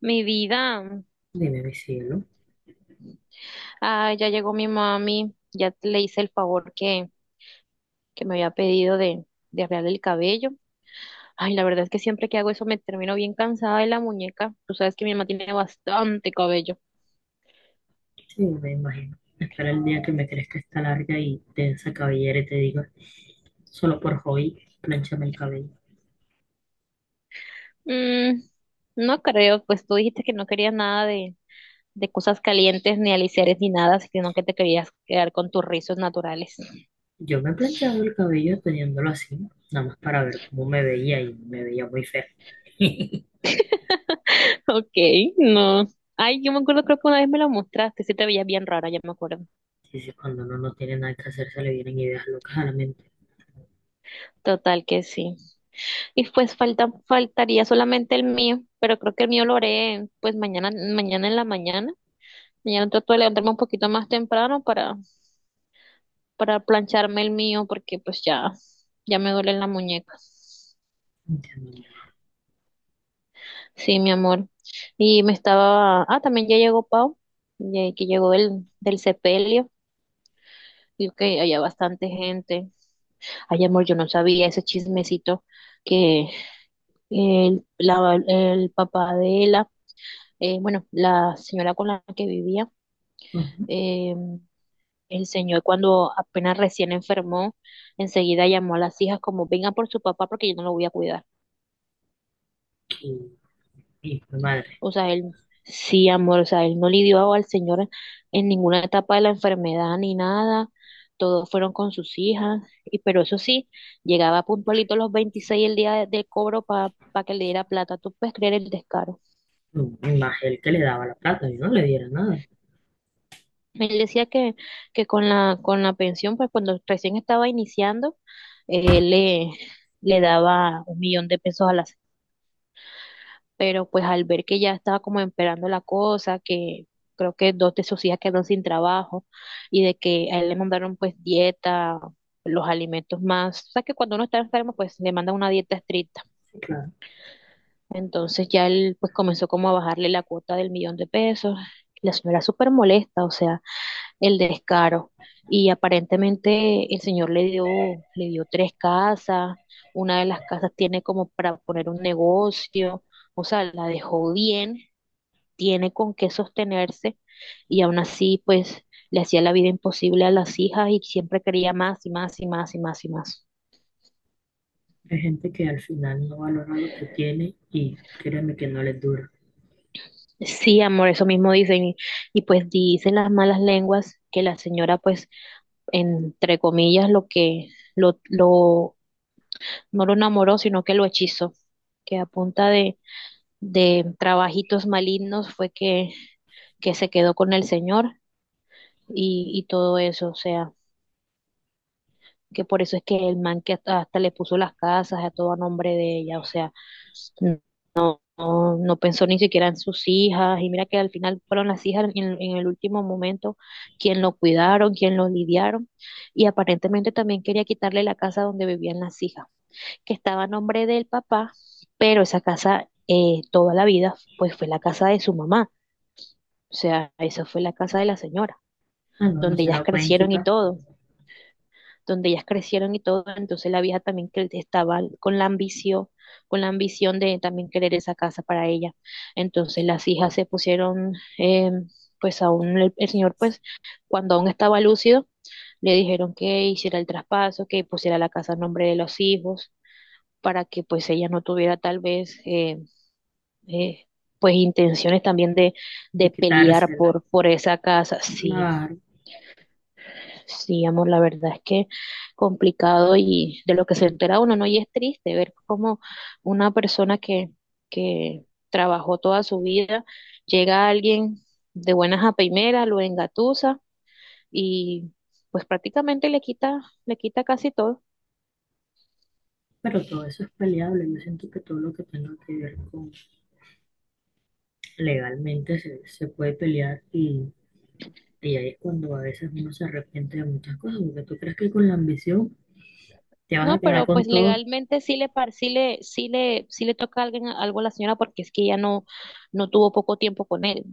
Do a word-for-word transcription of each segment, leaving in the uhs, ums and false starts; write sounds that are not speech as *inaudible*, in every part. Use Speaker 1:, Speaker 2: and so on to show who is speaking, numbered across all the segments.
Speaker 1: Mi vida,
Speaker 2: Dime, mi cielo.
Speaker 1: ah, ya llegó mi mami, ya le hice el favor que, que me había pedido de, de arreglarle el cabello. Ay, la verdad es que siempre que hago eso me termino bien cansada de la muñeca. Tú sabes que mi mamá tiene bastante cabello.
Speaker 2: Sí, me imagino. Espera el día que me crezca esta larga y densa cabellera y te diga, solo por hoy, planchame el cabello.
Speaker 1: Mm, no creo, pues tú dijiste que no querías nada de, de cosas calientes, ni aliciares, ni nada, sino que te querías quedar con tus rizos naturales.
Speaker 2: Yo me he planchado el cabello teniéndolo así, nada más para ver cómo me veía, y me veía muy fea.
Speaker 1: *laughs* Ok, no. Ay, yo me acuerdo, creo que una vez me lo mostraste, sí te veías bien rara, ya me acuerdo.
Speaker 2: sí sí cuando uno no tiene nada que hacer, se le vienen ideas locas a la mente.
Speaker 1: Total que sí. Y pues falta, faltaría solamente el mío, pero creo que el mío lo haré pues mañana, mañana en la mañana. Mañana trato de levantarme un poquito más temprano para, para plancharme el mío porque pues ya, ya me duelen las muñecas.
Speaker 2: Entiendo.
Speaker 1: Sí, mi amor. Y me estaba, ah, también ya llegó Pau, ya que llegó del, del sepelio. Y que había bastante gente. Ay, amor, yo no sabía ese chismecito que el, la- el papá de la, eh, bueno, la señora con la que vivía.
Speaker 2: Ujú.
Speaker 1: Eh, el señor cuando apenas recién enfermó, enseguida llamó a las hijas como vengan por su papá porque yo no lo voy a cuidar.
Speaker 2: Y, y mi madre,
Speaker 1: O sea, él sí, amor, o sea, él no lidió al señor en ninguna etapa de la enfermedad ni nada. Todos fueron con sus hijas, y pero eso sí, llegaba puntualito los veintiséis el día de- del cobro para que le diera plata. ¿Tú puedes creer el descaro?
Speaker 2: mm, más el que le daba la plata, yo no le diera nada.
Speaker 1: Él decía que, que con la, con la pensión, pues cuando recién estaba iniciando, él le, le daba un millón de pesos a la semana. Pero pues al ver que ya estaba como empeorando la cosa, que creo que dos de sus hijas quedaron sin trabajo y de que a él le mandaron pues dieta, los alimentos más. O sea que cuando uno está enfermo, pues le mandan una dieta estricta.
Speaker 2: Sí, claro.
Speaker 1: Entonces ya él pues comenzó como a bajarle la cuota del millón de pesos. La señora súper molesta, o sea. El descaro. Y aparentemente el señor le dio, le dio tres casas, una de las casas tiene como para poner un negocio, o sea, la dejó bien, tiene con qué sostenerse y aún así pues le hacía la vida imposible a las hijas y siempre quería más y más y más y más y más.
Speaker 2: Hay gente que al final no valora lo que tiene, y créeme que no les dura.
Speaker 1: Sí, amor, eso mismo dicen. Y, y pues dicen las malas lenguas que la señora, pues, entre comillas, lo que lo, lo no lo enamoró, sino que lo hechizó, que a punta de, de trabajitos malignos fue que, que se quedó con el señor y, y todo eso, o sea, que por eso es que el man que hasta, hasta le puso las casas a todo a nombre de ella, o sea, no, no pensó ni siquiera en sus hijas, y mira que al final fueron las hijas en, en el último momento quien lo cuidaron, quien lo lidiaron, y aparentemente también quería quitarle la casa donde vivían las hijas. Que estaba a nombre del papá, pero esa casa eh, toda la vida pues fue la casa de su mamá, o sea, esa fue la casa de la señora,
Speaker 2: Ah, no, no
Speaker 1: donde
Speaker 2: se
Speaker 1: ellas
Speaker 2: la pueden
Speaker 1: crecieron y
Speaker 2: quitar.
Speaker 1: todo, donde ellas crecieron y todo, entonces la vieja también que estaba con la ambición, con la ambición de también querer esa casa para ella, entonces las hijas se pusieron, eh, pues aún el, el señor pues cuando aún estaba lúcido, le dijeron que hiciera el traspaso, que pusiera la casa a nombre de los hijos, para que pues ella no tuviera tal vez eh, eh, pues intenciones también de,
Speaker 2: De
Speaker 1: de pelear
Speaker 2: quitársela.
Speaker 1: por, por esa casa. Sí,
Speaker 2: Claro,
Speaker 1: sí, amor, la verdad es que complicado y de lo que se entera uno, ¿no? Y es triste ver cómo una persona que, que trabajó toda su vida, llega a alguien de buenas a primeras, lo engatusa y pues prácticamente le quita, le quita casi todo.
Speaker 2: pero todo eso es peleable. Yo siento que todo lo que tenga que ver con legalmente se, se puede pelear, y, y ahí es cuando a veces uno se arrepiente de muchas cosas, porque tú crees que con la ambición te vas a
Speaker 1: No,
Speaker 2: quedar
Speaker 1: pero
Speaker 2: con
Speaker 1: pues
Speaker 2: todo.
Speaker 1: legalmente sí le, par- sí le, sí le, sí le toca a alguien algo a la señora porque es que ella no, no tuvo poco tiempo con él.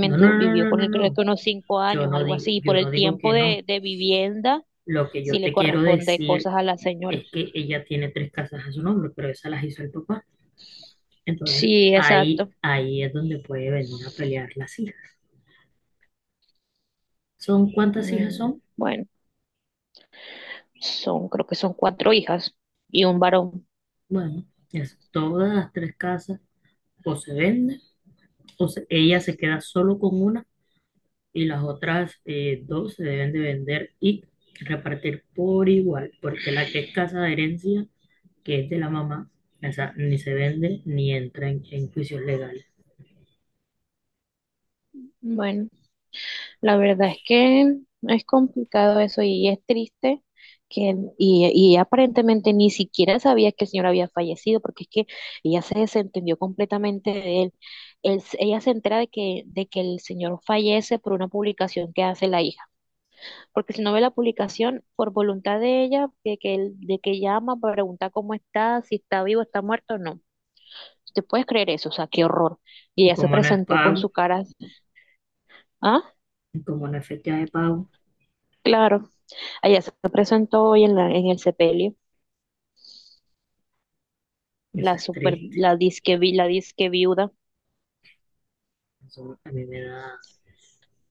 Speaker 2: No, no, no,
Speaker 1: vivió
Speaker 2: no,
Speaker 1: con
Speaker 2: no,
Speaker 1: él creo
Speaker 2: no.
Speaker 1: que unos cinco
Speaker 2: Yo
Speaker 1: años,
Speaker 2: no
Speaker 1: algo
Speaker 2: digo,
Speaker 1: así. Y por
Speaker 2: yo no
Speaker 1: el
Speaker 2: digo
Speaker 1: tiempo
Speaker 2: que no.
Speaker 1: de, de vivienda
Speaker 2: Lo que
Speaker 1: sí
Speaker 2: yo
Speaker 1: le
Speaker 2: te quiero
Speaker 1: corresponde
Speaker 2: decir
Speaker 1: cosas a la señora.
Speaker 2: es que ella tiene tres casas a su nombre, pero esas las hizo el papá. Entonces,
Speaker 1: Sí,
Speaker 2: ahí,
Speaker 1: exacto.
Speaker 2: ahí es donde puede venir a pelear las hijas. ¿Son cuántas hijas
Speaker 1: Mm,
Speaker 2: son?
Speaker 1: bueno, son, creo que son cuatro hijas y un varón.
Speaker 2: Bueno, es todas las tres casas o se venden o se- ella se queda solo con una, y las otras eh, dos se deben de vender y repartir por igual, porque la que es casa de herencia, que es de la mamá, esa ni se vende ni entra en, en juicios legales.
Speaker 1: Bueno. La verdad es que es complicado eso y es triste que y, y aparentemente ni siquiera sabía que el señor había fallecido porque es que ella se desentendió completamente de él. Él- se- ella se entera de que, de que el señor fallece por una publicación que hace la hija, porque si no ve la publicación por voluntad de ella, de que él, de que llama para preguntar cómo está, si está vivo, está muerto o no. ¿Te puedes creer eso? O sea, qué horror. Y
Speaker 2: Y
Speaker 1: ella se
Speaker 2: como no es
Speaker 1: presentó con
Speaker 2: pago,
Speaker 1: su cara, así, ah,
Speaker 2: y como no es fecha de pago,
Speaker 1: claro. Allá se presentó hoy en, la, en el sepelio,
Speaker 2: eso
Speaker 1: la
Speaker 2: es
Speaker 1: super,
Speaker 2: triste.
Speaker 1: la disque, vi- la disque viuda.
Speaker 2: Eso a mí me da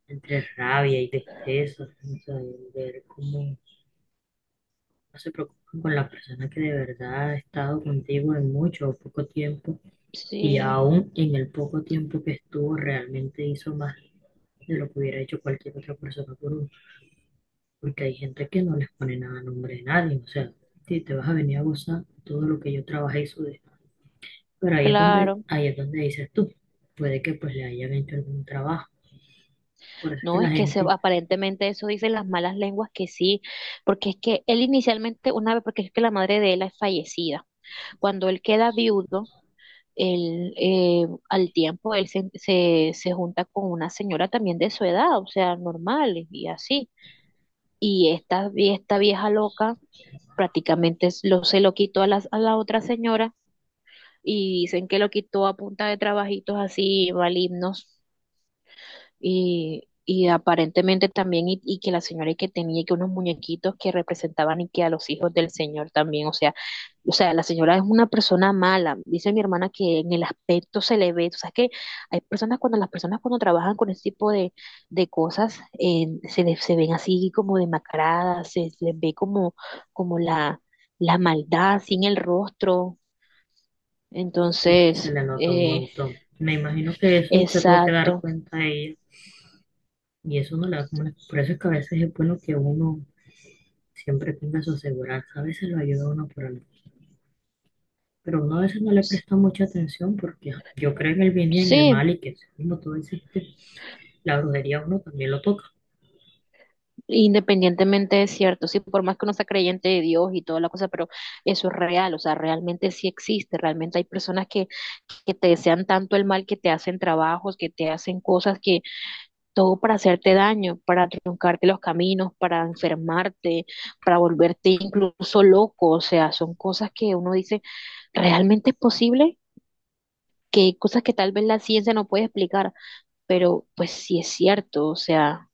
Speaker 2: entre rabia y tristeza, o sea, ver cómo no se preocupen con la persona que de verdad ha estado contigo en mucho o poco tiempo, y
Speaker 1: Sí,
Speaker 2: aún en el poco tiempo que estuvo realmente hizo más de lo que hubiera hecho cualquier otra persona por uno. Porque hay gente que no les pone nada a nombre de nadie. O sea, si te vas a venir a gozar todo lo que yo trabajé y sudé. Pero ahí es donde,
Speaker 1: claro.
Speaker 2: ahí es donde dices tú. Puede que pues le hayan hecho algún trabajo. Por eso es que
Speaker 1: No,
Speaker 2: la
Speaker 1: es que se,
Speaker 2: gente
Speaker 1: aparentemente eso dicen las malas lenguas que sí, porque es que él inicialmente, una vez, porque es que la madre de él es fallecida. Cuando él queda viudo, él, eh, al tiempo él se, se, se junta con una señora también de su edad, o sea, normal y así. Y esta, y esta vieja loca prácticamente lo, se lo quitó a las- a la otra señora y dicen que lo quitó a punta de trabajitos así malignos y, y aparentemente también y, y que la señora y que tenía que unos muñequitos que representaban y que a los hijos del señor también, o sea, o sea, la señora es una persona mala, dice mi hermana que en el aspecto se le ve, o sea, que hay personas cuando las personas cuando trabajan con ese tipo de, de cosas eh, se, les- se ven así como demacradas, se, se les ve como, como la, la maldad sin el rostro,
Speaker 2: sí, se
Speaker 1: entonces.
Speaker 2: le nota un
Speaker 1: eh,
Speaker 2: montón. Me imagino que eso se tuvo que dar
Speaker 1: Exacto.
Speaker 2: cuenta a ella. Y eso no le da como la- por eso es que a veces es bueno que uno siempre tenga su aseguranza, a veces lo ayuda a uno por algo. Pero uno a veces no le
Speaker 1: S-
Speaker 2: presta mucha atención porque ah, yo creo en el bien y en el
Speaker 1: Sí,
Speaker 2: mal, y que como tú dijiste, la brujería uno también lo toca.
Speaker 1: independientemente es cierto, sí, por más que uno sea creyente de Dios y toda la cosa, pero eso es real, o sea, realmente sí existe, realmente hay personas que, que te desean tanto el mal que te hacen trabajos, que te hacen cosas que todo para hacerte daño, para truncarte los caminos, para enfermarte, para volverte incluso loco, o sea, son cosas que uno dice, ¿realmente es posible? Que hay cosas que tal vez la ciencia no puede explicar, pero pues sí es cierto, o sea.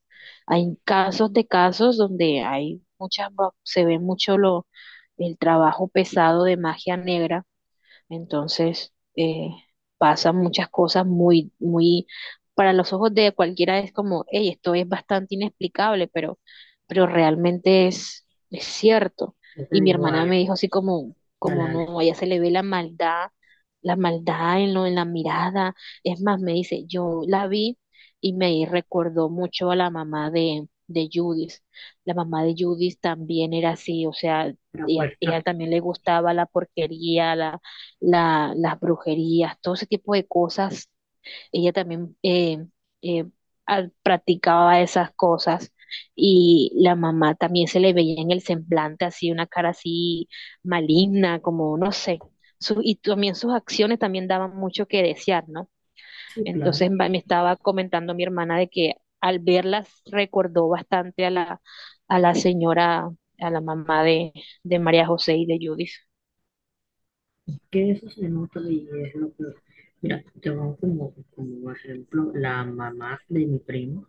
Speaker 1: Hay casos de casos donde hay muchas, va- se ve mucho lo, el trabajo pesado de magia negra, entonces eh, pasan muchas cosas muy, muy, para los ojos de cualquiera es como, hey, esto es bastante inexplicable, pero, pero realmente es, es cierto.
Speaker 2: Yo te
Speaker 1: Y mi
Speaker 2: digo
Speaker 1: hermana me dijo
Speaker 2: algo,
Speaker 1: así como,
Speaker 2: dale,
Speaker 1: como
Speaker 2: dale,
Speaker 1: no, a ella se le ve la maldad, la maldad en lo, en la mirada. Es más, me dice, yo la vi y me recordó mucho a la mamá de, de Judith. La mamá de Judith también era así, o sea,
Speaker 2: la
Speaker 1: ella,
Speaker 2: puerta.
Speaker 1: ella también le gustaba la porquería, la, la, las brujerías, todo ese tipo de cosas ella también eh, eh, al- practicaba esas cosas y la mamá también se le veía en el semblante así, una cara así maligna, como no sé. Su- y también sus acciones también daban mucho que desear, ¿no?
Speaker 2: Sí, claro,
Speaker 1: Entonces va- me estaba comentando mi hermana de que al verlas recordó bastante a la, a la señora, a la mamá de, de María José y de Judith.
Speaker 2: que eso se nota y es lo peor. Mira, te pongo como, como ejemplo la mamá de mi primo,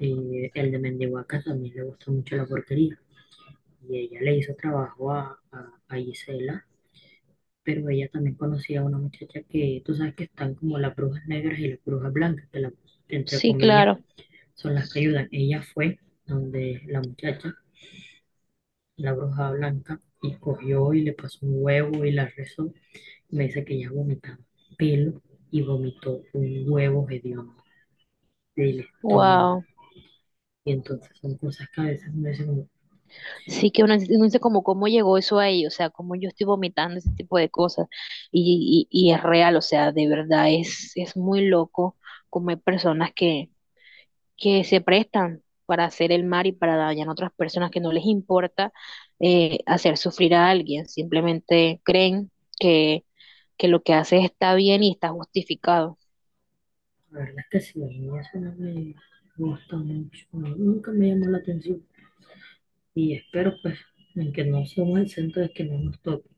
Speaker 2: eh, el de Mendihuaca, también le gusta mucho la porquería y ella le hizo trabajo a, a, a Gisela, pero ella también conocía a una muchacha que tú sabes que están como las brujas negras y las brujas blancas, que las, entre
Speaker 1: Sí,
Speaker 2: comillas,
Speaker 1: claro.
Speaker 2: son las que ayudan. Ella fue donde la muchacha, la bruja blanca, y cogió y le pasó un huevo y la rezó. Me dice que ella vomitaba pelo y vomitó un huevo hediondo del estómago.
Speaker 1: Wow.
Speaker 2: Y entonces son cosas que a veces me dicen, como,
Speaker 1: Sí que uno dice uno dice como cómo llegó eso ahí, o sea, cómo yo estoy vomitando ese tipo de cosas. Y, y, y es real, o sea, de verdad es, es muy loco como hay personas que, que se prestan para hacer el mal y para dañar a otras personas que no les importa eh, hacer sufrir a alguien. Simplemente creen que, que lo que haces está bien y está justificado.
Speaker 2: la verdad es que sí, a mí eso no me gusta mucho, no, nunca me llamó la atención. Y espero, pues, en que no somos el centro de que no nos toque,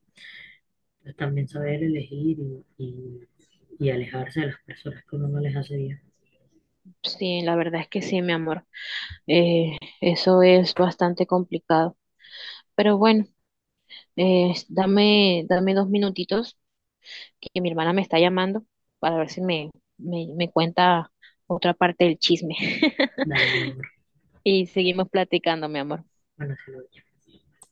Speaker 2: pues también saber elegir y, y- y alejarse de las personas que uno no les hace bien.
Speaker 1: Sí, la verdad es que sí, mi amor. Eh, eso es bastante complicado. Pero bueno. Eh, dame, dame dos minutitos que mi hermana me está llamando para ver si me, me, me cuenta otra parte del chisme *laughs*
Speaker 2: Dale, mi amor.
Speaker 1: y seguimos platicando, mi amor.
Speaker 2: Buenas noches.